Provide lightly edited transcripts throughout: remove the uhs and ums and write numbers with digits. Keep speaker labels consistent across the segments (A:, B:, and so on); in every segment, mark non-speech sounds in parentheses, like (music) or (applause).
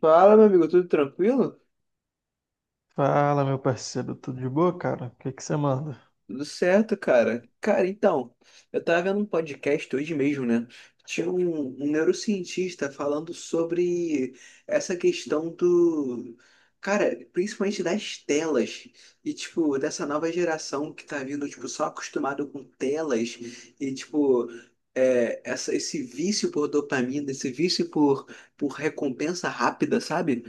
A: Fala, meu amigo, tudo tranquilo?
B: Fala, meu parceiro, tudo de boa, cara? O que que você manda?
A: Tudo certo, cara. Cara, então, eu tava vendo um podcast hoje mesmo, né? Tinha um neurocientista falando sobre essa questão do. Cara, principalmente das telas. E, tipo, dessa nova geração que tá vindo, tipo, só acostumado com telas. E, tipo, essa, esse vício por dopamina, esse vício por recompensa rápida, sabe?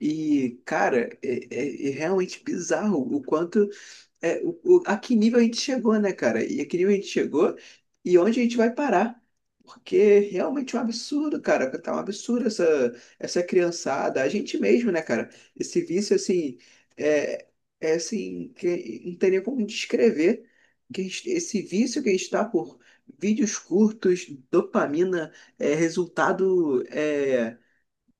A: E, cara, é realmente bizarro o quanto a que nível a gente chegou, né, cara? E a que nível a gente chegou e onde a gente vai parar? Porque realmente é um absurdo, cara. Tá um absurdo essa criançada, a gente mesmo, né, cara? Esse vício, assim, é, é assim, que não tem nem como descrever esse vício que a gente tá por vídeos curtos, dopamina, é, resultado, é,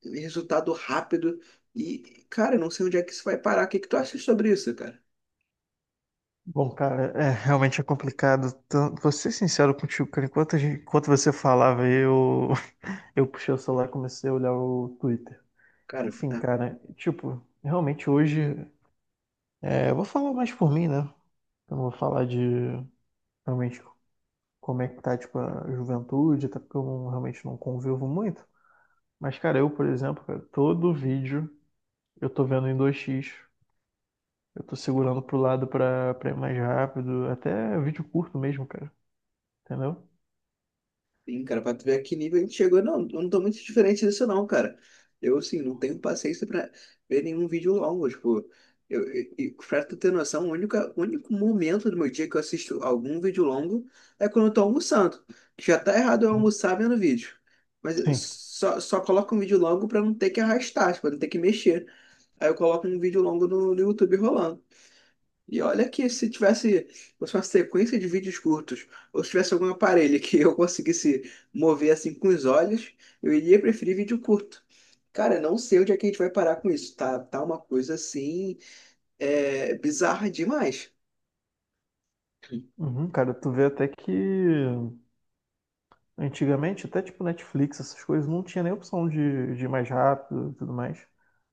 A: resultado rápido. E, cara, eu não sei onde é que isso vai parar. O que que tu acha sobre isso, cara?
B: Bom, cara, realmente é complicado. Vou ser sincero contigo, cara. Enquanto, enquanto você falava, (laughs) eu puxei o celular e comecei a olhar o Twitter.
A: Cara,
B: Enfim,
A: tá.
B: cara, tipo, realmente hoje. Eu vou falar mais por mim, né? Eu não vou falar de realmente como é que tá, tipo, a juventude, até porque eu não- realmente não convivo muito. Mas, cara, eu, por exemplo, cara, todo vídeo eu tô vendo em 2x. Eu tô segurando pro lado pra, pra ir mais rápido. Até vídeo curto mesmo, cara. Entendeu?
A: Sim, cara, pra tu ver a que nível a gente chegou, não, eu não tô muito diferente disso não, cara. Eu, assim, não tenho paciência pra ver nenhum vídeo longo, tipo, e pra tu ter noção, o único momento do meu dia que eu assisto algum vídeo longo é quando eu tô almoçando. Já tá errado eu almoçar vendo vídeo, mas eu
B: Sim.
A: só coloco um vídeo longo pra não ter que arrastar, tipo, não ter que mexer. Aí eu coloco um vídeo longo no YouTube rolando. E olha que se tivesse fosse uma sequência de vídeos curtos, ou se tivesse algum aparelho (laughs) que eu conseguisse mover assim com os olhos, eu iria preferir vídeo curto. Cara, eu não sei onde é que a gente vai parar com isso. Tá, tá uma coisa assim, bizarra demais.
B: Uhum, cara, tu vê até que antigamente, até tipo Netflix, essas coisas, não tinha nem opção de ir mais rápido e tudo mais.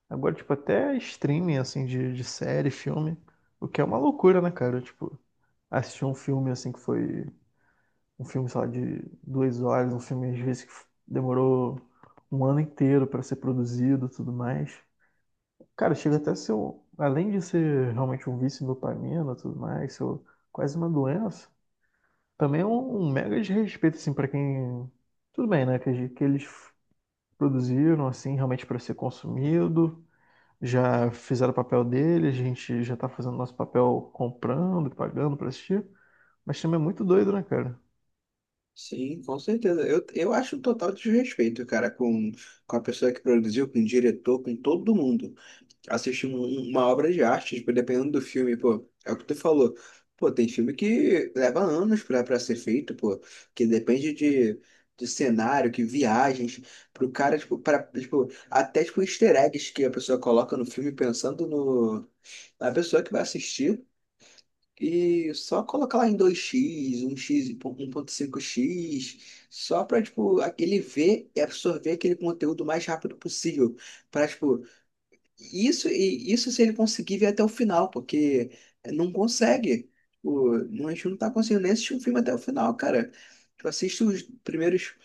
B: Agora, tipo, até streaming, assim, de série, filme, o que é uma loucura, né, cara? Tipo, assistir um filme, assim, que foi um filme, sei lá, de duas horas, um filme, às vezes, que demorou um ano inteiro pra ser produzido e tudo mais. Cara, chega até a ser, além de ser realmente um vício em dopamina e tudo mais, ser quase uma doença, também é um mega desrespeito, assim, para quem. Tudo bem, né? Que, que eles produziram, assim, realmente para ser consumido, já fizeram o papel dele, a gente já tá fazendo nosso papel comprando e pagando pra assistir, mas também é muito doido, né, cara?
A: Sim, com certeza. Eu acho um total desrespeito, cara, com a pessoa que produziu, com o diretor, com todo mundo. Assistir uma obra de arte, tipo, dependendo do filme, pô, é o que tu falou. Pô, tem filme que leva anos pra ser feito, pô, que depende de cenário, que viagens, pro cara, tipo, pra, tipo, até, tipo, easter eggs que a pessoa coloca no filme pensando no, na pessoa que vai assistir. E só colocar lá em 2x 1x e 1.5x só pra, tipo, ele ver e absorver aquele conteúdo o mais rápido possível. Pra, tipo, isso, e isso se ele conseguir ver até o final, porque não consegue. O, não- A gente não tá conseguindo nem assistir o filme até o final, cara. Tu assiste os primeiros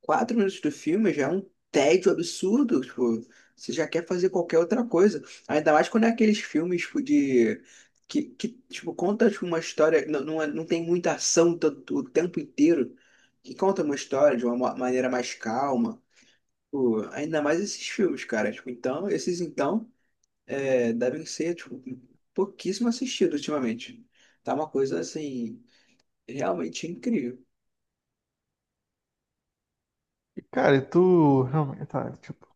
A: 4 minutos do filme, já é um tédio absurdo. Tipo, você já quer fazer qualquer outra coisa. Ainda mais quando é aqueles filmes, tipo, de. Que tipo, conta tipo, uma história. Não, não, não tem muita ação o tempo inteiro. Que conta uma história de uma maneira mais calma. Tipo, ainda mais esses filmes, cara. Tipo, então, esses então devem ser, tipo, pouquíssimo assistido ultimamente. Tá uma coisa, assim, realmente incrível.
B: E, cara, e tu realmente, tá, tipo,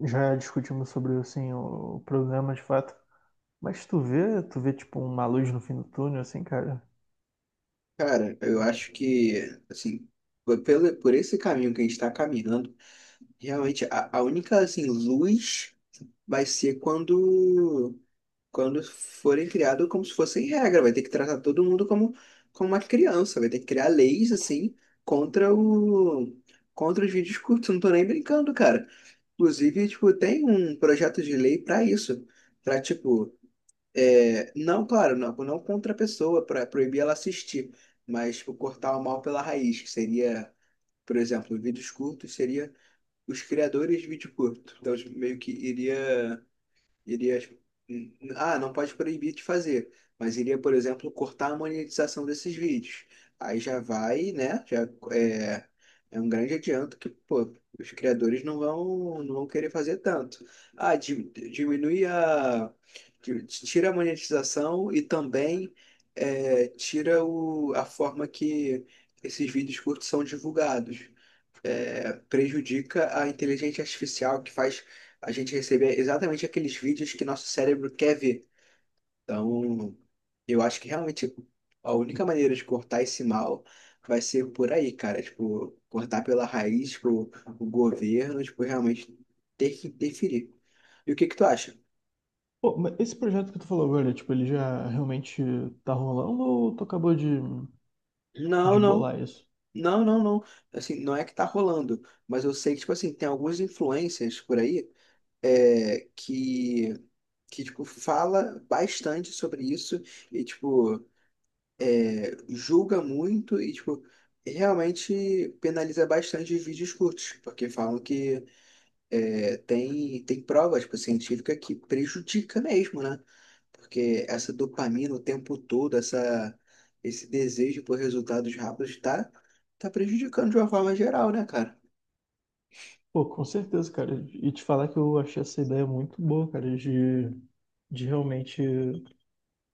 B: já discutimos sobre, assim, o problema de fato. Mas tu vê, tipo, uma luz no fim do túnel, assim, cara.
A: Cara, eu acho que, assim, por esse caminho que a gente tá caminhando, realmente a única, assim, luz vai ser quando forem criados como se fossem regra. Vai ter que tratar todo mundo como, como uma criança. Vai ter que criar leis, assim, contra o... Contra os vídeos curtos, eu não tô nem brincando, cara. Inclusive, tipo, tem um projeto de lei para isso, para tipo, é, não, claro, não, não contra a pessoa, para proibir ela assistir, mas tipo, cortar o mal pela raiz, que seria, por exemplo, vídeos curtos seria os criadores de vídeo curto. Então, tipo, meio que iria. Iria. Ah, não pode proibir de fazer, mas iria, por exemplo, cortar a monetização desses vídeos. Aí já vai, né? Já é, é um grande adianto que, pô, os criadores não vão querer fazer tanto. Ah, di- diminui a. Tira a monetização e também é, tira a forma que esses vídeos curtos são divulgados é, prejudica a inteligência artificial que faz a gente receber exatamente aqueles vídeos que nosso cérebro quer ver. Então, eu acho que realmente a única maneira de cortar esse mal vai ser por aí, cara. Tipo, cortar pela raiz, tipo, o governo, tipo, realmente ter que interferir. E o que que tu acha?
B: Pô, mas esse projeto que tu falou agora, tipo, ele já realmente tá rolando ou tu acabou
A: Não,
B: de
A: não.
B: bolar isso?
A: Não, não, não. Assim, não é que tá rolando, mas eu sei que, tipo assim, tem algumas influências por aí é, que tipo, fala bastante sobre isso e, tipo, é, julga muito e, tipo, realmente penaliza bastante os vídeos curtos, porque falam que tem prova, tipo, científica que prejudica mesmo, né? Porque essa dopamina o tempo todo, essa, esse desejo por resultados rápidos tá prejudicando de uma forma geral, né, cara?
B: Pô, com certeza, cara. E te falar que eu achei essa ideia muito boa, cara, de realmente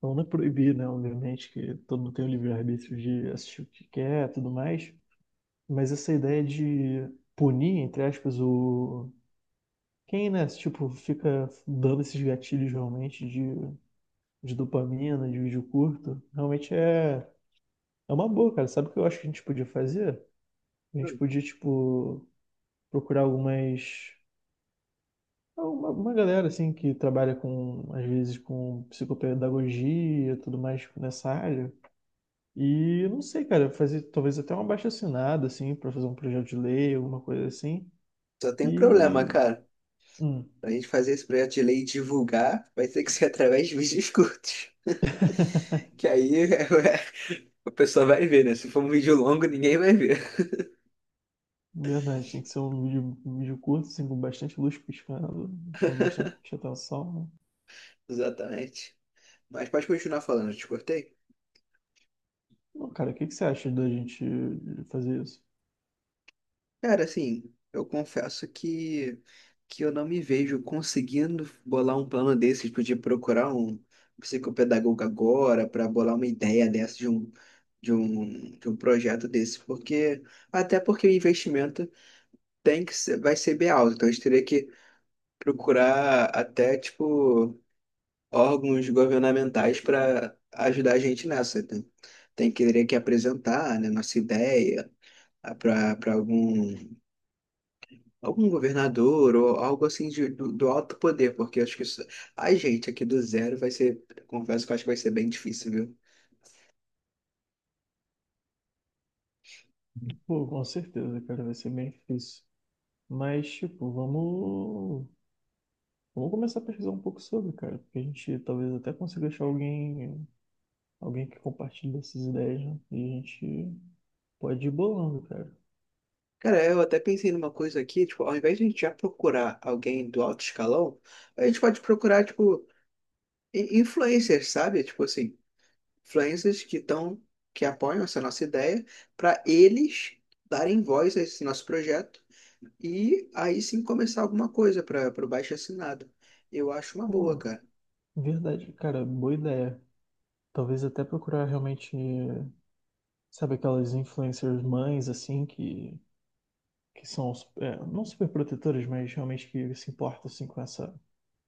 B: não é proibir, né? Obviamente que todo mundo tem o livre-arbítrio de assistir o que quer, e tudo mais. Mas essa ideia de punir, entre aspas, o quem, né? Tipo, fica dando esses gatilhos realmente de dopamina, de vídeo curto, realmente é uma boa, cara. Sabe o que eu acho que a gente podia fazer? A gente
A: Hum.
B: podia, tipo, procurar algumas. Uma galera, assim, que trabalha com, às vezes, com psicopedagogia e tudo mais nessa área. E, não sei, cara, fazer talvez até uma abaixo-assinado, assim, pra fazer um projeto de lei, alguma coisa assim.
A: Só tem um problema,
B: E.
A: cara.
B: Hum,
A: Pra gente fazer esse projeto de lei e divulgar, vai ter que ser (laughs) através de vídeos curtos. Que aí (laughs) o pessoal vai ver, né? Se for um vídeo longo, ninguém vai ver.
B: verdade, tem que ser um vídeo curto, assim, com bastante luz piscando, chama bastante atenção, né?
A: (laughs) Exatamente. Mas pode continuar falando, eu te cortei?
B: Não, cara, o que que você acha da gente fazer isso?
A: Cara, assim, eu confesso que eu não me vejo conseguindo bolar um plano desse, tipo, de procurar um psicopedagogo agora para bolar uma ideia dessa de um projeto desse. Porque, até porque o investimento vai ser bem alto. Então a gente teria que procurar até, tipo, órgãos governamentais para ajudar a gente nessa. Tem, tem que teria que apresentar, né, nossa ideia para algum, algum governador ou algo assim do alto poder, porque acho que isso, a gente aqui do zero vai ser, confesso que eu acho que vai ser bem difícil, viu?
B: Pô, com certeza, cara, vai ser bem difícil. Mas, tipo, vamos começar a pesquisar um pouco sobre, cara, porque a gente talvez até consiga achar alguém, alguém que compartilhe essas ideias, né? E a gente pode ir bolando, cara.
A: Cara, eu até pensei numa coisa aqui, tipo, ao invés de a gente já procurar alguém do alto escalão, a gente pode procurar, tipo, influencers, sabe? Tipo assim, influencers que estão, que apoiam essa nossa ideia, para eles darem voz a esse nosso projeto e aí sim começar alguma coisa para o baixo assinado. Eu acho uma boa,
B: Pô,
A: cara.
B: verdade, cara, boa ideia. Talvez até procurar realmente, sabe, aquelas influencers mães, assim, que são, é, não super protetoras, mas realmente que se importam, assim, com essa.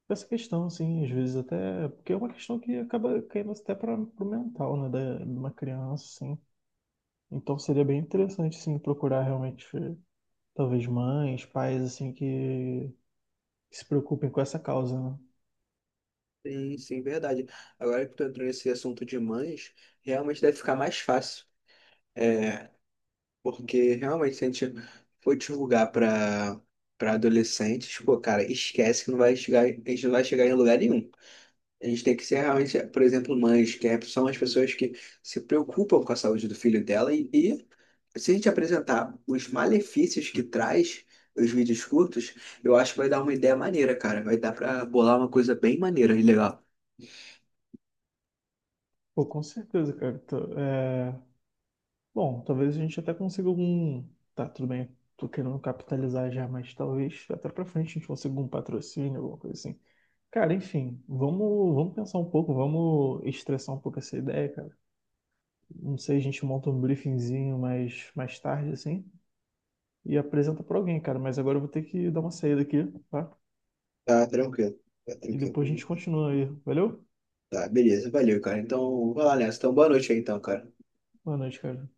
B: Essa questão, assim, às vezes até. Porque é uma questão que acaba caindo até para o mental, né, da, de uma criança, assim. Então seria bem interessante, assim, procurar realmente, talvez mães, pais, assim, que, se preocupem com essa causa, né?
A: Sim, sim, verdade. Agora que tu entrou nesse assunto de mães, realmente deve ficar mais fácil. É, porque realmente se a gente for divulgar para adolescentes, pô, cara, esquece que não vai chegar, a gente não vai chegar em lugar nenhum. A gente tem que ser realmente, por exemplo, mães, são as pessoas que se preocupam com a saúde do filho dela e se a gente apresentar os malefícios que traz os vídeos curtos, eu acho que vai dar uma ideia maneira, cara. Vai dar pra bolar uma coisa bem maneira e legal.
B: Pô, com certeza, cara. Bom, talvez a gente até consiga algum. Tá, tudo bem, tô querendo capitalizar já, mas talvez até pra frente a gente consiga um patrocínio, alguma coisa assim. Cara, enfim, vamos pensar um pouco, vamos estressar um pouco essa ideia, cara. Não sei, a gente monta um briefingzinho mais tarde, assim, e apresenta pra alguém, cara. Mas agora eu vou ter que dar uma saída aqui, tá?
A: Tá, tranquilo. Tá,
B: E
A: tranquilo.
B: depois a gente continua aí. Valeu?
A: Tá, beleza. Valeu, cara. Então, vai lá nessa. Então, boa noite aí, então, cara.
B: Boa noite, cara.